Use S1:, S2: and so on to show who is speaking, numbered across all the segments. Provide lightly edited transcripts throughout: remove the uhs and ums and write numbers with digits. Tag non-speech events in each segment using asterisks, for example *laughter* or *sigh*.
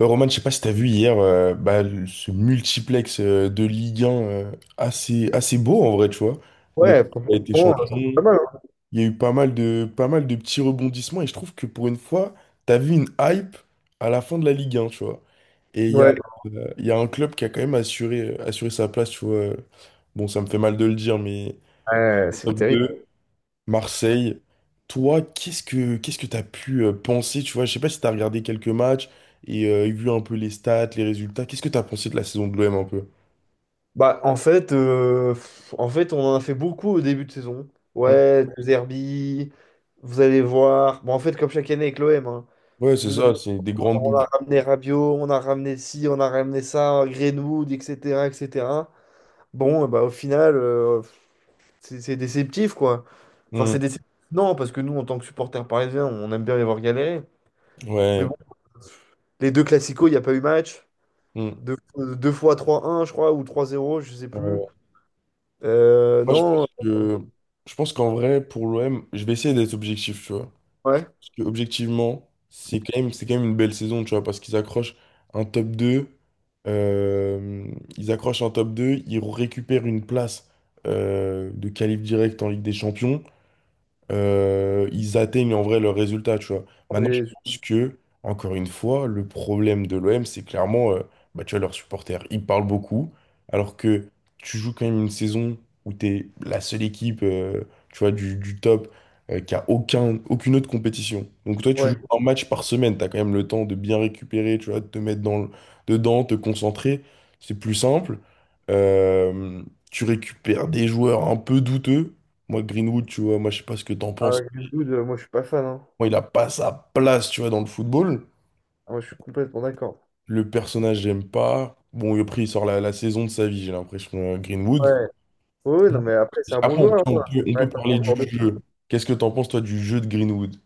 S1: Roman, je sais pas si t'as vu hier bah, ce multiplex de Ligue 1 assez beau en vrai, tu vois. Bon,
S2: Ouais,
S1: il a été
S2: franchement, c'est pas
S1: champion,
S2: mal. Hein.
S1: il y a eu pas mal de petits rebondissements et je trouve que pour une fois, t'as vu une hype à la fin de la Ligue 1, tu vois. Et il y a,
S2: Ouais,
S1: euh, il y a un club qui a quand même assuré sa place, tu vois. Bon, ça me fait mal de le dire, mais
S2: ouais, c'est
S1: top
S2: terrible.
S1: 2. Marseille. Toi, qu'est-ce que t'as pu penser, tu vois, je sais pas si t'as regardé quelques matchs et vu un peu les stats, les résultats. Qu'est-ce que t'as pensé de la saison de l'OM un peu?
S2: Bah, en fait, en fait, on en a fait beaucoup au début de saison.
S1: Mm.
S2: Ouais, deux Herbie, vous allez voir. Bon, en fait, comme chaque année avec l'OM, hein.
S1: Ouais, c'est
S2: vous,
S1: ça, c'est des grandes
S2: on a
S1: boules.
S2: ramené Rabiot, on a ramené ci, on a ramené ça, Greenwood, etc., etc. Bon, eh bah, au final, c'est déceptif, quoi. Enfin,
S1: Mm.
S2: c'est déceptif. Non, parce que nous, en tant que supporters parisiens, on aime bien les voir galérer. Mais
S1: Ouais.
S2: bon, les deux classicos, il n'y a pas eu match.
S1: Mm.
S2: Deux fois 3-1 je crois, ou 3-0 je sais plus.
S1: Ouais. Moi, je
S2: Non,
S1: pense
S2: euh,
S1: que je pense qu'en vrai, pour l'OM, je vais essayer d'être objectif, tu vois. Je
S2: ouais.
S1: pense que objectivement, c'est quand même une belle saison, tu vois, parce qu'un top 2 euh, ils accrochent un top 2 ils récupèrent une place de qualif direct en Ligue des Champions. Ils atteignent en vrai leur résultat, tu vois. Maintenant, je
S2: Mais
S1: pense que, encore une fois, le problème de l'OM, c'est clairement, bah, tu vois, leurs supporters, ils parlent beaucoup, alors que tu joues quand même une saison où tu es la seule équipe, tu vois, du top, qui a aucun, aucune autre compétition. Donc toi, tu joues
S2: ouais.
S1: un match par semaine, tu as quand même le temps de bien récupérer, tu vois, de te mettre dedans, te concentrer, c'est plus simple. Euh, Tu récupères des joueurs un peu douteux, moi, Greenwood, tu vois, moi, je sais pas ce que t'en penses.
S2: Avec Greenwood, moi, je suis pas fan. Hein.
S1: Moi, il a pas sa place, tu vois, dans le football.
S2: Ah, moi, je suis complètement d'accord.
S1: Le personnage, j'aime pas. Bon, et après, il sort la saison de sa vie, j'ai l'impression, Greenwood.
S2: Ouais. Oui,
S1: Mm.
S2: non, mais après, c'est un bon
S1: Après, on peut,
S2: joueur.
S1: on
S2: Hein.
S1: peut,
S2: Ça
S1: on peut
S2: reste un bon
S1: parler
S2: joueur
S1: du
S2: de foot.
S1: jeu. Qu'est-ce que t'en penses, toi, du jeu de Greenwood?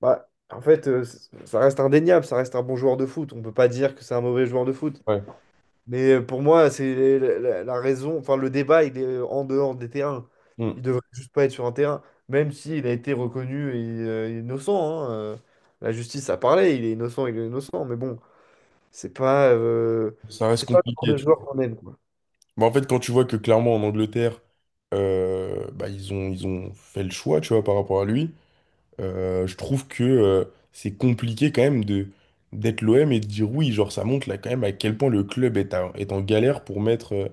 S2: Bah, en fait, ça reste indéniable. Ça reste un bon joueur de foot. On peut pas dire que c'est un mauvais joueur de foot.
S1: Ouais.
S2: Mais pour moi, c'est la raison. Enfin, le débat, il est en dehors des terrains.
S1: Hmm.
S2: Il devrait juste pas être sur un terrain, même s'il a été reconnu et, innocent. Hein, la justice a parlé, il est innocent, il est innocent. Mais bon, c'est pas, euh,
S1: Ça
S2: c'est
S1: reste
S2: pas le genre
S1: compliqué,
S2: de
S1: tu
S2: joueur
S1: vois.
S2: qu'on aime, quoi.
S1: Mais en fait, quand tu vois que clairement, en Angleterre, bah, ils ont fait le choix, tu vois, par rapport à lui. Je trouve que c'est compliqué quand même de d'être l'OM et de dire oui, genre ça montre là quand même à quel point le club est, est en galère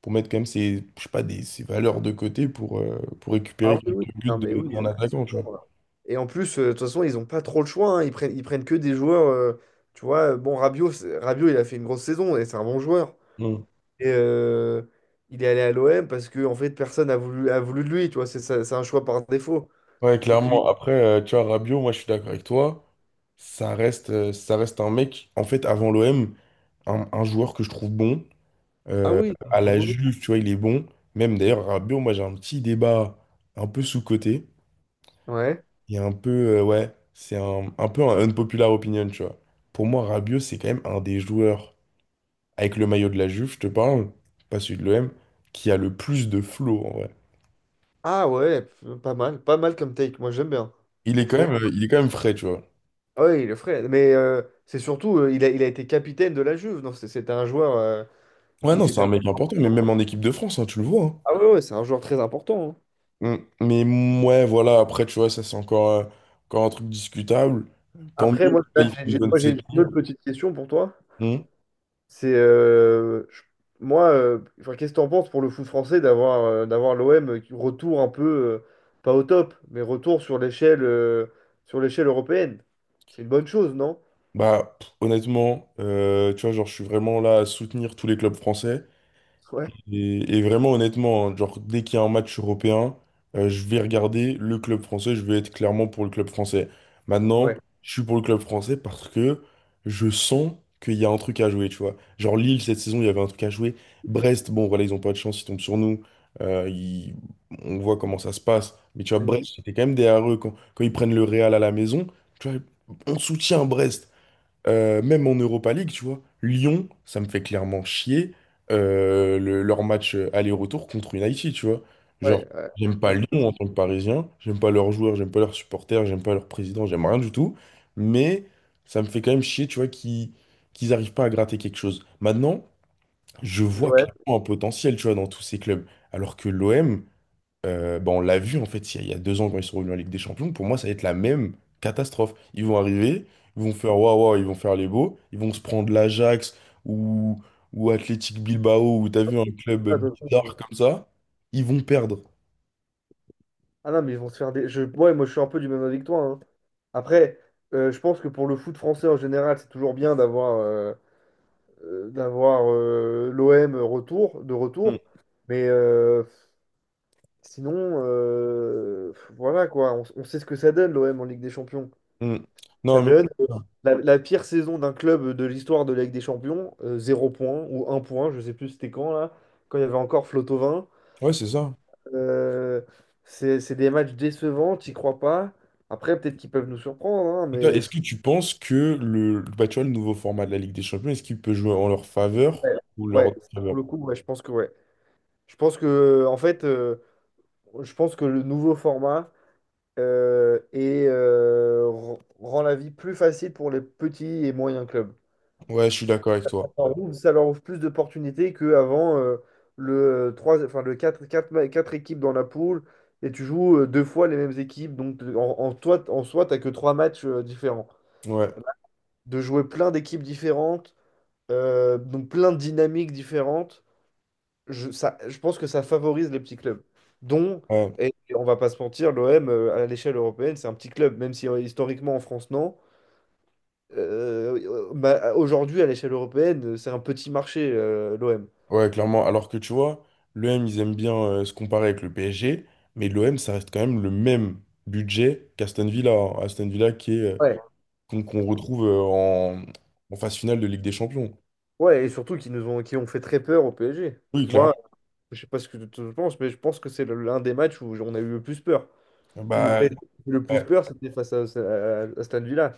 S1: pour mettre quand même ses, je sais pas, ses valeurs de côté pour
S2: Ah oui,
S1: récupérer
S2: oui.
S1: quelques buts
S2: Non, mais oui.
S1: d'un
S2: Là, c'est
S1: attaquant, tu
S2: bon,
S1: vois.
S2: là. Et en plus, de toute façon, ils n'ont pas trop le choix. Hein. Ils prennent que des joueurs. Tu vois, bon, Rabiot, il a fait une grosse saison et c'est un bon joueur.
S1: Mm.
S2: Et, il est allé à l'OM parce que en fait personne a voulu de lui, tu vois, c'est un choix par défaut.
S1: Ouais,
S2: Et puis
S1: clairement. Après, tu vois, Rabiot, moi je suis d'accord avec toi. Ça reste un mec, en fait, avant l'OM, un joueur que je trouve bon.
S2: ah
S1: Euh,
S2: oui,
S1: à
S2: ah,
S1: la
S2: bonjour.
S1: Juve, tu vois, il est bon. Même d'ailleurs, Rabiot, moi j'ai un petit débat un peu sous-coté.
S2: Ouais.
S1: Il y a un peu, ouais, c'est un peu un unpopular opinion, tu vois. Pour moi, Rabiot, c'est quand même un des joueurs, avec le maillot de la Juve, je te parle, pas celui de l'OM, qui a le plus de flow, en vrai.
S2: Ah ouais, pas mal, pas mal comme take, moi j'aime bien.
S1: Il est quand
S2: Franchement.
S1: même, il est quand même frais, tu vois.
S2: Ah ouais, il est frais, mais c'est surtout il a été capitaine de la Juve. Non, c'était un joueur.
S1: Ouais,
S2: Il
S1: non, c'est
S2: c'était un-
S1: un mec important, mais même en équipe de France, hein, tu le vois.
S2: Ah ouais, ouais, c'est un joueur très important. Hein.
S1: Hein. Mm. Mais ouais, voilà, après, tu vois, ça, c'est encore un truc discutable. Tant mieux, tu
S2: Après
S1: vois,
S2: moi là,
S1: il fait une bonne saison.
S2: j'ai une autre petite question pour toi.
S1: Mm.
S2: C'est euh, je- enfin, qu'est-ce que t'en penses pour le foot français d'avoir, d'avoir l'OM qui retour un peu, euh, pas au top, mais retour sur l'échelle, sur l'échelle européenne. C'est une bonne chose, non?
S1: Bah, honnêtement, tu vois, genre, je suis vraiment là à soutenir tous les clubs français.
S2: *laughs* Ouais,
S1: Et vraiment, honnêtement, hein, genre, dès qu'il y a un match européen, je vais regarder le club français, je vais être clairement pour le club français. Maintenant,
S2: ouais.
S1: je suis pour le club français parce que je sens qu'il y a un truc à jouer, tu vois. Genre, Lille, cette saison, il y avait un truc à jouer. Brest, bon, voilà, ils ont pas de chance, ils tombent sur nous. Euh, ils- On voit comment ça se passe. Mais tu vois,
S2: Tu me
S1: Brest,
S2: dis.
S1: c'était quand même derrière eux. Quand ils prennent le Real à la maison, tu vois, on soutient Brest. Même en Europa League, tu vois, Lyon, ça me fait clairement chier, leur match aller-retour contre United, tu vois. Genre,
S2: Ouais, ouais.
S1: j'aime pas
S2: Match de
S1: Lyon
S2: foot,
S1: en tant que Parisien, j'aime pas leurs joueurs, j'aime pas leurs supporters, j'aime pas leur président, j'aime rien du tout, mais ça me fait quand même chier, tu vois, qu'ils arrivent pas à gratter quelque chose. Maintenant, je vois
S2: l'OM,
S1: clairement un potentiel, tu vois, dans tous ces clubs, alors que l'OM, bah, on l'a vu en fait il y a 2 ans quand ils sont revenus en Ligue des Champions, pour moi ça va être la même catastrophe. Ils vont arriver, ils vont faire waouh, waouh, ils vont faire les beaux, ils vont se prendre l'Ajax ou, ou Athletic Bilbao ou t'as vu un club
S2: ça, de toute
S1: bizarre
S2: façon,
S1: comme ça, ils vont perdre.
S2: ah non, mais ils vont se faire des. Je... Ouais, moi je suis un peu du même avis que toi. Hein. Après, je pense que pour le foot français en général, c'est toujours bien d'avoir l'OM retour, de
S1: Mm.
S2: retour. Mais sinon, voilà quoi, on sait ce que ça donne l'OM en Ligue des Champions.
S1: Mm.
S2: Ça
S1: Non mais
S2: donne la pire saison d'un club de l'histoire de la Ligue des Champions, 0 point ou 1 point, je sais plus c'était quand là, quand il y avait encore Flotovin.
S1: ouais ouais, c'est ça.
S2: Euh, c'est des matchs décevants, t'y crois pas. Après, peut-être qu'ils peuvent nous surprendre, hein,
S1: Et toi,
S2: mais
S1: est-ce que tu penses que bah, tu vois, le nouveau format de la Ligue des Champions, est-ce qu'il peut jouer en leur
S2: ouais,
S1: faveur ou
S2: ouais,
S1: leur
S2: ça, pour
S1: défaveur?
S2: le coup, ouais, je pense que ouais. Je pense que en fait, je pense que le nouveau format, rend la vie plus facile pour les petits et moyens clubs.
S1: Ouais, je suis d'accord avec
S2: Ça
S1: toi.
S2: leur ouvre ça leur ouvre plus d'opportunités qu'avant, le quatre équipes dans la poule et tu joues, deux fois les mêmes équipes. Donc en soi, tu que trois matchs, différents.
S1: Ouais.
S2: De jouer plein d'équipes différentes, donc plein de dynamiques différentes. Je pense que ça favorise les petits clubs, dont,
S1: Ouais.
S2: et on va pas se mentir, l'OM, à l'échelle européenne, c'est un petit club, même si historiquement en France, non. Bah, aujourd'hui, à l'échelle européenne, c'est un petit marché, l'OM.
S1: Ouais, clairement. Alors que tu vois, l'OM, ils aiment bien se comparer avec le PSG, mais l'OM, ça reste quand même le même budget qu'Aston Villa. Hein. Aston Villa qui est,
S2: Ouais.
S1: qu'on retrouve en phase finale de Ligue des Champions.
S2: Ouais, et surtout qui ont fait très peur au PSG.
S1: Oui,
S2: Moi,
S1: clairement.
S2: je sais pas ce que tu en penses, mais je pense que c'est l'un des matchs où on a eu le plus peur. Où le
S1: Bah,
S2: PSG a eu le plus
S1: ouais.
S2: peur, c'était face à Aston Villa.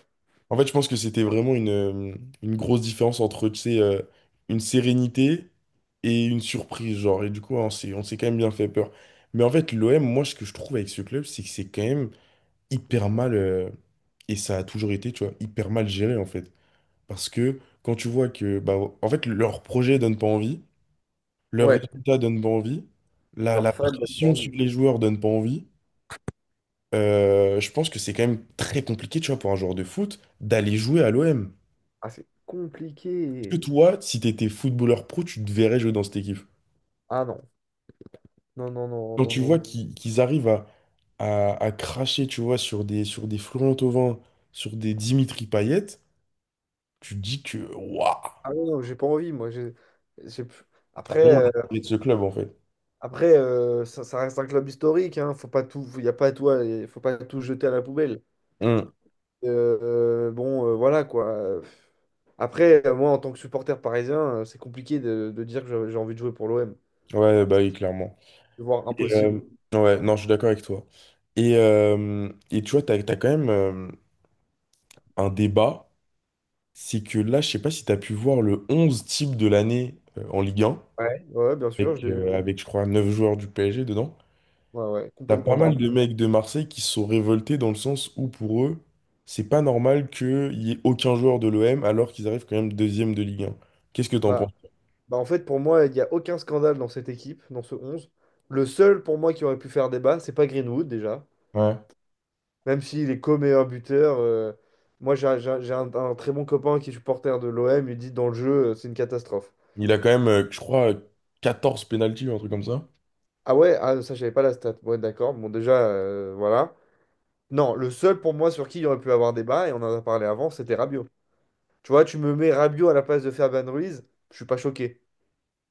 S1: En fait, je pense que c'était vraiment une grosse différence entre, tu sais, une sérénité et une surprise, genre. Et du coup, on s'est quand même bien fait peur. Mais en fait, l'OM, moi, ce que je trouve avec ce club, c'est que c'est quand même hyper mal, et ça a toujours été, tu vois, hyper mal géré en fait. Parce que quand tu vois que, bah, en fait, leur projet donne pas envie, leurs
S2: Ouais,
S1: résultats donnent pas envie, la,
S2: leurs
S1: la
S2: fans, leurs
S1: pression sur
S2: envies.
S1: les joueurs donne pas envie, je pense que c'est quand même très compliqué, tu vois, pour un joueur de foot, d'aller jouer à l'OM.
S2: Ah, c'est
S1: Est-ce
S2: compliqué.
S1: que toi, si t'étais footballeur pro, tu te verrais jouer dans cette équipe?
S2: Ah non, non, non, non,
S1: Quand
S2: non,
S1: tu
S2: non. Non.
S1: vois qu'ils arrivent à cracher, tu vois, sur des Florent Thauvin, sur des Dimitri Payet, tu te dis que, waouh!
S2: Ah ouais, non, j'ai pas envie, moi. J'ai-
S1: T'as
S2: Après,
S1: rien retiré de ce club en fait.
S2: ça reste un club historique, hein. Faut pas tout jeter à la poubelle.
S1: Hmm.
S2: Euh, bon, voilà quoi. Après, moi, en tant que supporter parisien, c'est compliqué de dire que j'ai envie de jouer pour l'OM.
S1: Ouais, bah oui, clairement.
S2: C'est voire
S1: Et,
S2: impossible.
S1: euh, ouais, non, je suis d'accord avec toi. Et tu vois, t'as quand même un débat. C'est que là, je sais pas si t'as pu voir le 11 type de l'année en Ligue 1,
S2: Ouais, ouais, bien sûr, je
S1: avec,
S2: l'ai vu.
S1: euh, avec je crois 9 joueurs du PSG dedans.
S2: Ouais, ouais,
S1: T'as pas
S2: complètement
S1: mal de
S2: normal.
S1: mecs de Marseille qui se sont révoltés dans le sens où pour eux, c'est pas normal qu'il y ait aucun joueur de l'OM alors qu'ils arrivent quand même deuxième de Ligue 1. Qu'est-ce que t'en penses?
S2: Bah, bah, en fait, pour moi, il n'y a aucun scandale dans cette équipe, dans ce 11. Le seul, pour moi, qui aurait pu faire débat, c'est pas Greenwood, déjà.
S1: Ouais.
S2: Même s'il est co-meilleur buteur, moi j'ai un très bon copain qui est supporter de l'OM, il dit dans le jeu, c'est une catastrophe.
S1: Il a quand même, je crois, 14 pénaltys ou un truc comme ça.
S2: Ah ouais, ah, ça j'avais pas la stat. Ouais, d'accord, bon déjà, voilà. Non, le seul pour moi sur qui il y aurait pu avoir débat, et on en a parlé avant, c'était Rabiot. Tu vois, tu me mets Rabiot à la place de Fabian Ruiz, je suis pas choqué.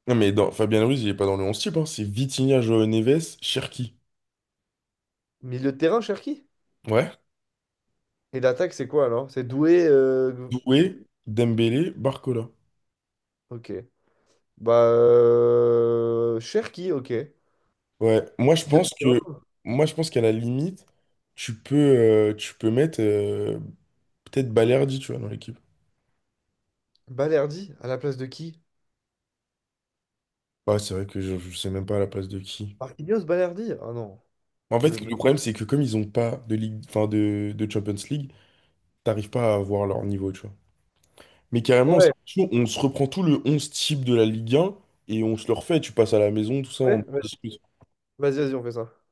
S1: Non, mais Fabien Ruiz, il est pas dans le 11 type, hein. C'est Vitinha, Joao Neves, Cherki.
S2: Milieu de terrain, Cherki?
S1: Ouais.
S2: Et l'attaque, c'est quoi alors? C'est Doué.
S1: Doué, Dembélé, Barcola.
S2: Ok. Bah. Cherki, ok.
S1: Ouais. Moi, je
S2: Milieu de
S1: pense que,
S2: terrain.
S1: moi, je pense qu'à la limite, tu peux mettre peut-être Balerdi, tu vois, dans l'équipe.
S2: Balerdi, à la place de qui?
S1: Ouais, c'est vrai que je sais même pas à la place de qui.
S2: Marquinhos, Balerdi? Ah non.
S1: En
S2: Mais
S1: fait, le problème, c'est que comme ils ont pas de ligue, enfin de Champions League, t'arrives pas à avoir leur niveau, tu vois. Mais carrément, c'est
S2: ouais,
S1: chaud, on se reprend tout le 11 type de la Ligue 1 et on se le refait. Tu passes à la maison, tout ça,
S2: ouais,
S1: on en
S2: vas-y,
S1: discute.
S2: vas-y, vas-y, on fait ça.